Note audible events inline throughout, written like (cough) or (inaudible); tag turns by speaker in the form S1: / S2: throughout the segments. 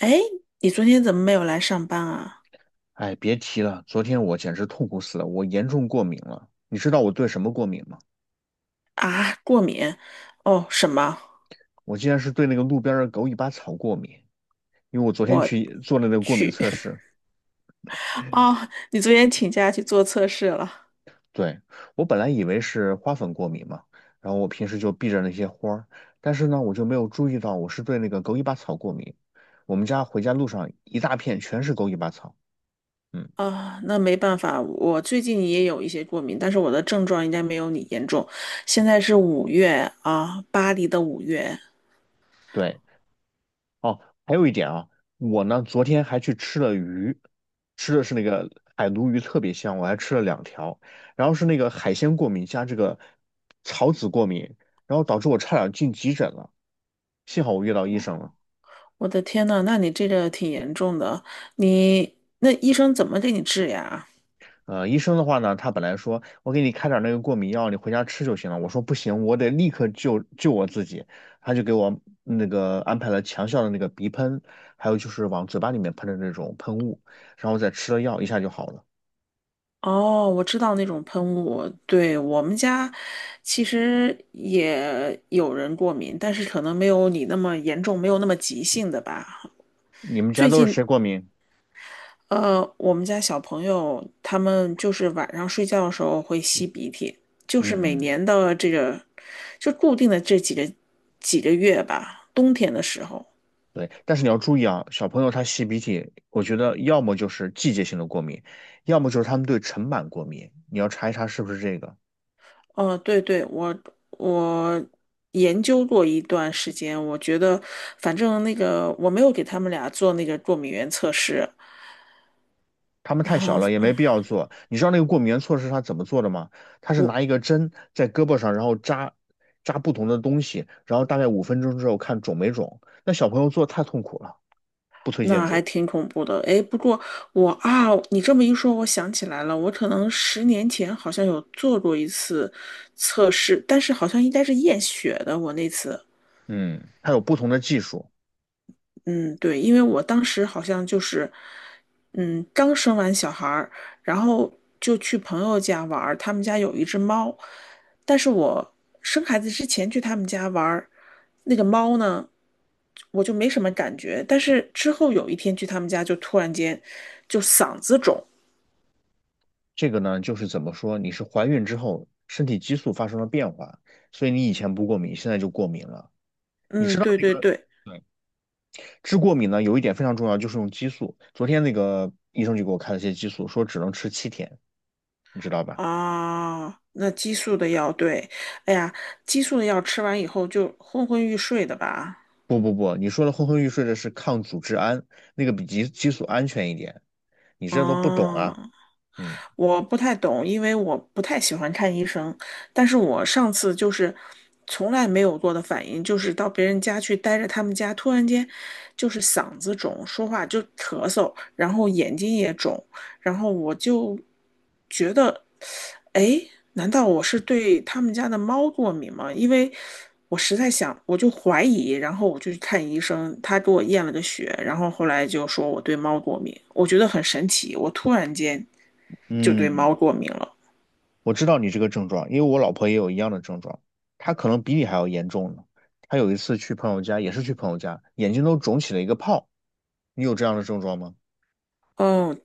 S1: 哎，你昨天怎么没有来上班啊？
S2: 哎，别提了，昨天我简直痛苦死了，我严重过敏了。你知道我对什么过敏吗？
S1: 啊，过敏？哦，什么？
S2: 我竟然是对那个路边儿的狗尾巴草过敏，因为我昨天
S1: 我
S2: 去做了那个过敏
S1: 去。
S2: 测试。
S1: (laughs) 哦，你昨天请假去做测试了。
S2: 对，我本来以为是花粉过敏嘛，然后我平时就避着那些花儿，但是呢，我就没有注意到我是对那个狗尾巴草过敏。我们家回家路上一大片全是狗尾巴草。嗯，
S1: 啊，那没办法，我最近也有一些过敏，但是我的症状应该没有你严重。现在是五月啊，巴黎的五月。
S2: 对。哦，还有一点啊，我呢昨天还去吃了鱼，吃的是那个海鲈鱼，特别香，我还吃了两条。然后是那个海鲜过敏加这个草籽过敏，然后导致我差点进急诊了，幸好我遇到医生了。
S1: 我的天呐，那你这个挺严重的。你那医生怎么给你治呀？
S2: 医生的话呢，他本来说我给你开点儿那个过敏药，你回家吃就行了。我说不行，我得立刻救我自己。他就给我那个安排了强效的那个鼻喷，还有就是往嘴巴里面喷的那种喷雾，然后再吃了药，一下就好了。
S1: 哦，我知道那种喷雾，对，我们家其实也有人过敏，但是可能没有你那么严重，没有那么急性的吧。
S2: 你们家
S1: 最
S2: 都是
S1: 近，
S2: 谁过敏？
S1: 我们家小朋友他们就是晚上睡觉的时候会吸鼻涕，就是每
S2: 嗯，
S1: 年的这个就固定的这几个月吧，冬天的时候。
S2: 对，但是你要注意啊，小朋友他吸鼻涕，我觉得要么就是季节性的过敏，要么就是他们对尘螨过敏，你要查是不是这个。
S1: 哦，对对，我研究过一段时间，我觉得反正那个我没有给他们俩做那个过敏原测试，
S2: 他们太小
S1: 啊，
S2: 了，也没必要做。你知道那个过敏原措施他怎么做的吗？他是
S1: 我
S2: 拿一个针在胳膊上，然后扎不同的东西，然后大概五分钟之后看肿没肿。那小朋友做太痛苦了，不推荐
S1: 那还
S2: 做。
S1: 挺恐怖的。哎，不过我啊，你这么一说，我想起来了，我可能10年前好像有做过一次测试，但是好像应该是验血的，我那次。
S2: 嗯，他有不同的技术。
S1: 嗯，对，因为我当时好像就是，嗯，刚生完小孩儿，然后就去朋友家玩儿，他们家有一只猫，但是我生孩子之前去他们家玩儿，那个猫呢，我就没什么感觉，但是之后有一天去他们家，就突然间就嗓子肿，
S2: 这个呢，就是怎么说，你是怀孕之后身体激素发生了变化，所以你以前不过敏，现在就过敏了。你知
S1: 嗯，
S2: 道
S1: 对
S2: 这
S1: 对
S2: 个，
S1: 对，
S2: 对，治过敏呢有一点非常重要，就是用激素。昨天那个医生就给我开了些激素，说只能吃七天，你知道吧？
S1: 啊，那激素的药，对，哎呀，激素的药吃完以后就昏昏欲睡的吧，
S2: 不不不，你说的昏昏欲睡的是抗组织胺，那个比激素安全一点。你这都不懂啊。
S1: 哦、
S2: 嗯
S1: 我不太懂，因为我不太喜欢看医生。但是我上次就是从来没有过的反应，就是到别人家去待着，他们家突然间就是嗓子肿，说话就咳嗽，然后眼睛也肿，然后我就觉得，哎，难道我是对他们家的猫过敏吗？因为我实在想，我就怀疑，然后我就去看医生，他给我验了个血，然后后来就说我对猫过敏，我觉得很神奇，我突然间。就对
S2: 嗯。
S1: 猫过敏了。
S2: 我知道你这个症状，因为我老婆也有一样的症状，她可能比你还要严重呢。她有一次去朋友家，也是去朋友家，眼睛都肿起了一个泡。你有这样的症状吗？
S1: 哦，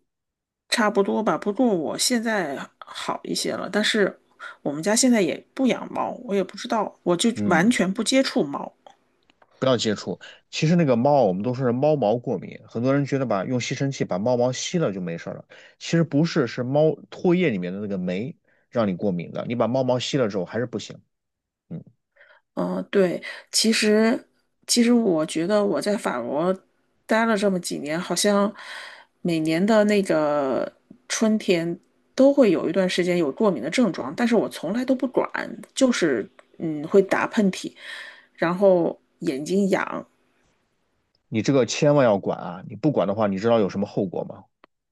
S1: 差不多吧。不过我现在好一些了，但是我们家现在也不养猫，我也不知道，我就完
S2: 嗯，
S1: 全不接触猫。
S2: 不要接触。其实那个猫，我们都说是猫毛过敏，很多人觉得吧，用吸尘器把猫毛吸了就没事儿了。其实不是，是猫唾液里面的那个酶让你过敏的。你把猫毛吸了之后还是不行。嗯，
S1: 嗯，对，其实其实我觉得我在法国待了这么几年，好像每年的那个春天都会有一段时间有过敏的症状，但是我从来都不管，就是嗯会打喷嚏，然后眼睛痒，
S2: 你这个千万要管啊！你不管的话，你知道有什么后果吗？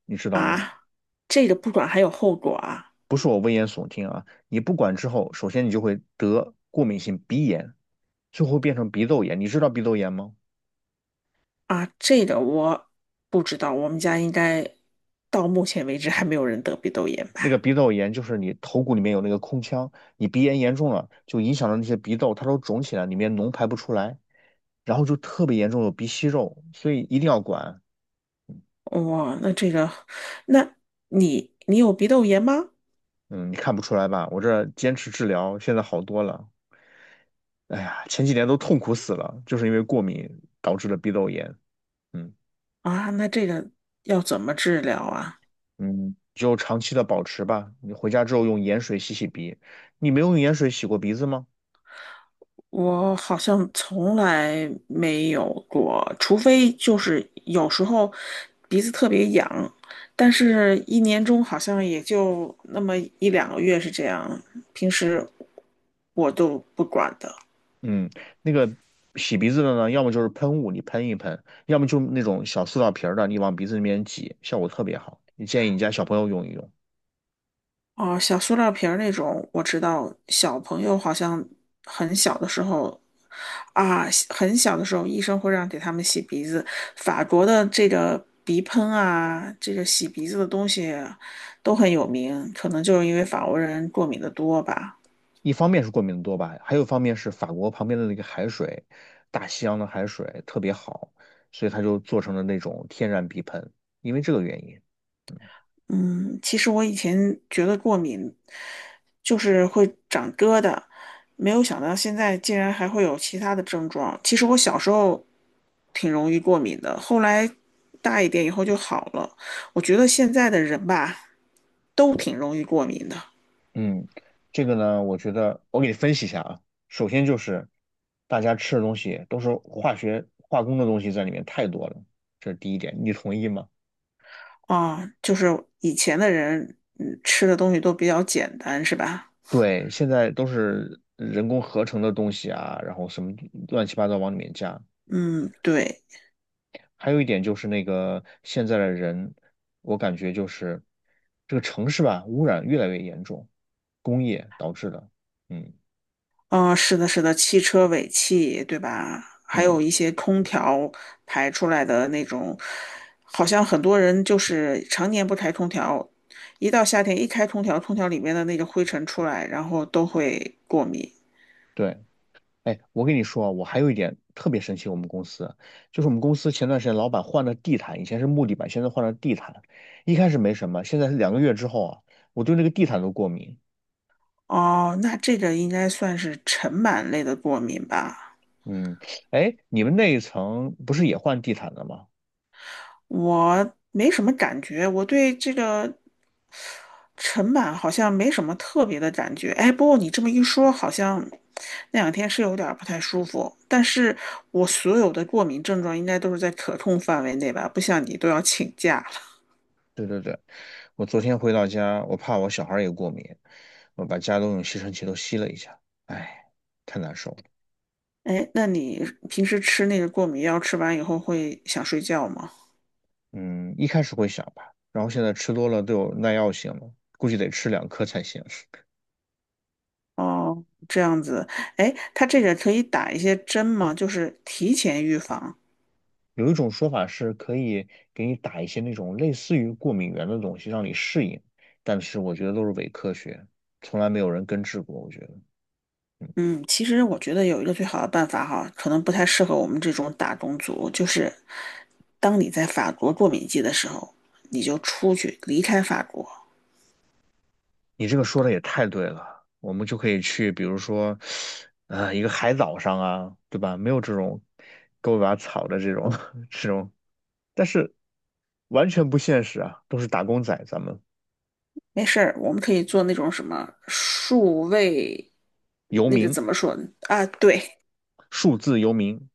S2: 你知道吗？
S1: 啊，这个不管还有后果啊
S2: 你不管之后，首先你就会得过敏性鼻炎，最后变成鼻窦炎。你知道鼻窦炎吗？
S1: 啊，这个我不知道，我们家应该到目前为止还没有人得鼻窦炎吧？
S2: 那个鼻窦炎就是你头骨里面有那个空腔，你鼻炎严重了，就影响到那些鼻窦，它都肿起来，里面脓排不出来，然后就特别严重，有鼻息肉，所以一定要管。
S1: 哇，那这个，那你有鼻窦炎吗？
S2: 嗯，你看不出来吧？我这坚持治疗，现在好多了。哎呀，前几年都痛苦死了，就是因为过敏导致的鼻窦炎。嗯。
S1: 啊，那这个要怎么治疗啊？
S2: 嗯，就长期的保持吧。你回家之后用盐水洗洗鼻，你没有用盐水洗过鼻子吗？
S1: 我好像从来没有过，除非就是有时候鼻子特别痒，但是一年中好像也就那么1、2个月是这样，平时我都不管的。
S2: 嗯，那个洗鼻子的呢，要么就是喷雾，你喷，要么就那种小塑料瓶儿的，你往鼻子里面挤，效果特别好。你建议你家小朋友用。
S1: 哦，小塑料瓶儿那种，我知道小朋友好像很小的时候啊，很小的时候医生会让给他们洗鼻子。法国的这个鼻喷啊，这个洗鼻子的东西都很有名，可能就是因为法国人过敏的多吧。
S2: 一方面是过敏的多吧，还有一方面是法国旁边的那个海水，大西洋的海水特别好，所以它就做成了那种天然鼻喷，因为这个原因。
S1: 嗯，其实我以前觉得过敏就是会长疙瘩，没有想到现在竟然还会有其他的症状。其实我小时候挺容易过敏的，后来大一点以后就好了。我觉得现在的人吧，都挺容易过敏的
S2: 嗯，这个呢，我觉得我给你分析一下啊。首先就是大家吃的东西都是化学化工的东西在里面太多了，这是第一点，你同意吗？
S1: 啊，就是以前的人，嗯，吃的东西都比较简单，是吧？
S2: 对，现在都是人工合成的东西啊，然后什么乱七八糟往里面加。
S1: 嗯，对。
S2: 还有一点就是那个现在的人，我感觉就是这个城市吧，污染越来越严重，工业导致的。嗯
S1: 嗯，是的，是的，汽车尾气，对吧？还
S2: 嗯。
S1: 有一些空调排出来的那种，好像很多人就是常年不开空调，一到夏天一开空调，空调里面的那个灰尘出来，然后都会过敏。
S2: 对。哎，我跟你说啊，我还有一点特别生气，我们公司就是我们公司前段时间老板换了地毯，以前是木地板，现在换了地毯。一开始没什么，现在是两个月之后啊，我对那个地毯都过敏。
S1: 哦，那这个应该算是尘螨类的过敏吧？
S2: 嗯，哎，你们那一层不是也换地毯了吗？
S1: 我没什么感觉，我对这个陈版好像没什么特别的感觉。哎，不过你这么一说，好像那两天是有点儿不太舒服。但是我所有的过敏症状应该都是在可控范围内吧，不像你都要请假了。
S2: 对对对，我昨天回到家，我怕我小孩儿也过敏，我把家都用吸尘器都吸了一下，哎，太难受了。
S1: 哎，那你平时吃那个过敏药，吃完以后会想睡觉吗？
S2: 嗯，一开始会想吧，然后现在吃多了都有耐药性了，估计得吃两颗才行。
S1: 哦，这样子。哎，它这个可以打一些针吗？就是提前预防。
S2: 有一种说法是可以给你打一些那种类似于过敏源的东西让你适应，但是我觉得都是伪科学，从来没有人根治过。我觉得
S1: 嗯，其实我觉得有一个最好的办法哈，可能不太适合我们这种打工族，就是当你在法国过敏季的时候，你就出去离开法国，
S2: 你这个说的也太对了，我们就可以去，比如说，啊、一个海岛上啊，对吧？没有这种狗尾巴草的这种 (laughs) 这种，但是完全不现实啊，都是打工仔，咱们
S1: 没事儿，我们可以做那种什么数位，
S2: 游
S1: 那个
S2: 民，
S1: 怎么说呢啊？对
S2: 数字游民，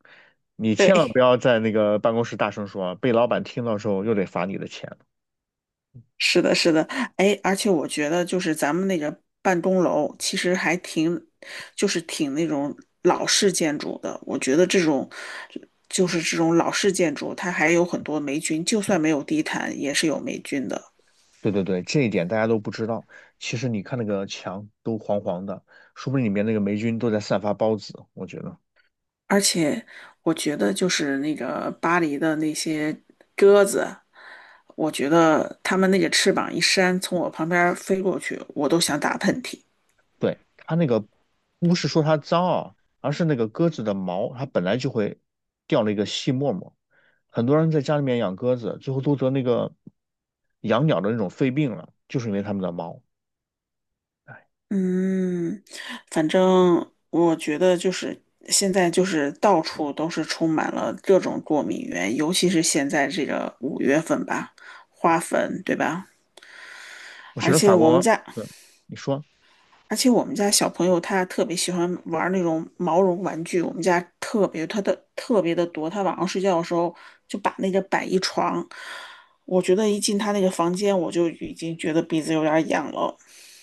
S2: 你千万不
S1: 对，
S2: 要在那个办公室大声说啊，被老板听到之后又得罚你的钱。
S1: 是的，是的，哎，而且我觉得就是咱们那个办公楼其实还挺，就是挺那种老式建筑的。我觉得这种就是这种老式建筑，它还有很多霉菌，就算没有地毯，也是有霉菌的。
S2: 对对对，这一点大家都不知道。其实你看那个墙都黄黄的，说不定里面那个霉菌都在散发孢子。我觉得，
S1: 而且我觉得就是那个巴黎的那些鸽子，我觉得它们那个翅膀一扇，从我旁边飞过去，我都想打喷嚏。
S2: 对，它那个不是说它脏啊，而是那个鸽子的毛，它本来就会掉了一个细沫沫。很多人在家里面养鸽子，最后都得那个养鸟的那种肺病了，就是因为它们的毛。哎，
S1: 嗯，反正我觉得就是现在就是到处都是充满了各种过敏源，尤其是现在这个五月份吧，花粉，对吧？
S2: 我觉
S1: 而
S2: 得
S1: 且
S2: 法
S1: 我们
S2: 国，
S1: 家，
S2: 对，你说。
S1: 而且我们家小朋友他特别喜欢玩那种毛绒玩具，我们家特别他的特别的多，他晚上睡觉的时候就把那个摆一床，我觉得一进他那个房间，我就已经觉得鼻子有点儿痒了。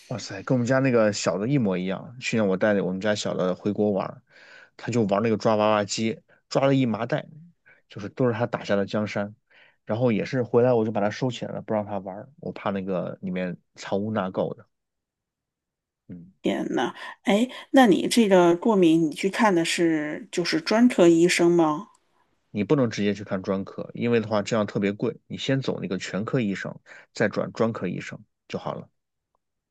S2: 哇塞，跟我们家那个小的一模一样。去年我带着我们家小的回国玩儿，他就玩那个抓娃娃机，抓了一麻袋，就是都是他打下的江山。然后也是回来我就把它收起来了，不让他玩儿，我怕那个里面藏污纳垢的。嗯，
S1: 天呐，哎，那你这个过敏，你去看的是就是专科医生吗？
S2: 你不能直接去看专科，因为的话这样特别贵。你先走那个全科医生，再转专科医生就好了。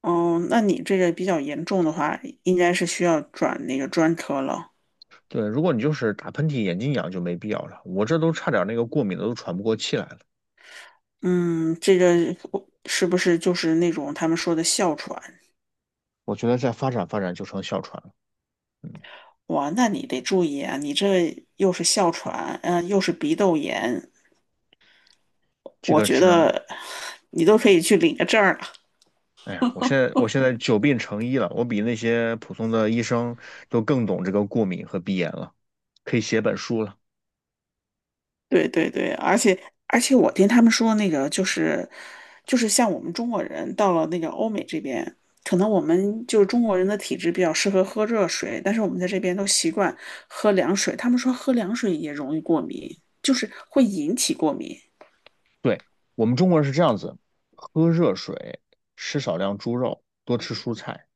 S1: 哦，那你这个比较严重的话，应该是需要转那个专科了。
S2: 对，如果你就是打喷嚏、眼睛痒就没必要了。我这都差点那个过敏的都喘不过气来了。
S1: 嗯，这个是不是就是那种他们说的哮喘？
S2: 我觉得再发展就成哮喘了。嗯。
S1: 哇，那你得注意啊，你这又是哮喘，嗯、又是鼻窦炎，
S2: 这
S1: 我
S2: 个
S1: 觉
S2: 只能，
S1: 得你都可以去领个证儿了。
S2: 哎呀，我现在久病成医了，我比那些普通的医生都更懂这个过敏和鼻炎了，可以写本书了。
S1: 对对对，而且我听他们说那个就是就是像我们中国人到了那个欧美这边，可能我们就是中国人的体质比较适合喝热水，但是我们在这边都习惯喝凉水。他们说喝凉水也容易过敏，就是会引起过敏。
S2: 对，我们中国人是这样子，喝热水，吃少量猪肉，多吃蔬菜。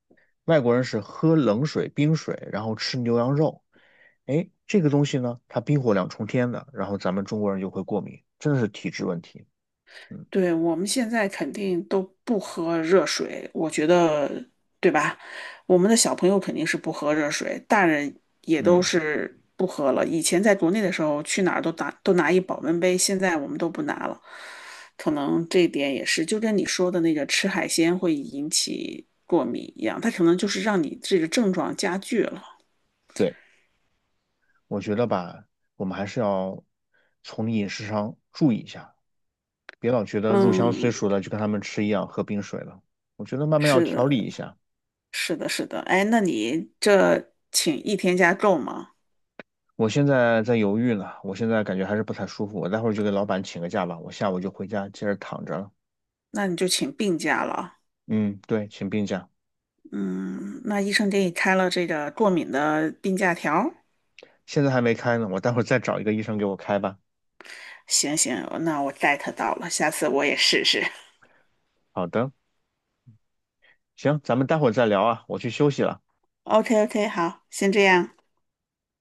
S2: 外国人是喝冷水、冰水，然后吃牛羊肉。哎，这个东西呢，它冰火两重天的，然后咱们中国人就会过敏，真的是体质问题。嗯
S1: 对，我们现在肯定都不喝热水，我觉得，对吧？我们的小朋友肯定是不喝热水，大人也都
S2: 嗯，
S1: 是不喝了。以前在国内的时候，去哪儿都拿一保温杯，现在我们都不拿了。可能这一点也是，就跟你说的那个吃海鲜会引起过敏一样，它可能就是让你这个症状加剧了。
S2: 对，我觉得吧，我们还是要从饮食上注意一下。别老觉得入乡随
S1: 嗯，
S2: 俗了，就跟他们吃一样，喝冰水了。我觉得慢慢要
S1: 是
S2: 调理
S1: 的，
S2: 一下。
S1: 是的，是的。哎，那你这请一天假够吗？
S2: 我现在在犹豫呢，我现在感觉还是不太舒服，我待会儿就给老板请个假吧，我下午就回家接着躺着了。
S1: 那你就请病假了。
S2: 嗯，对，请病假，
S1: 嗯，那医生给你开了这个过敏的病假条。
S2: 现在还没开呢，我待会儿再找一个医生给我开吧。
S1: 行行，那我 get 到了，下次我也试试。
S2: 好的，行，咱们待会儿再聊啊，我去休息了。
S1: OK OK，好，先这样。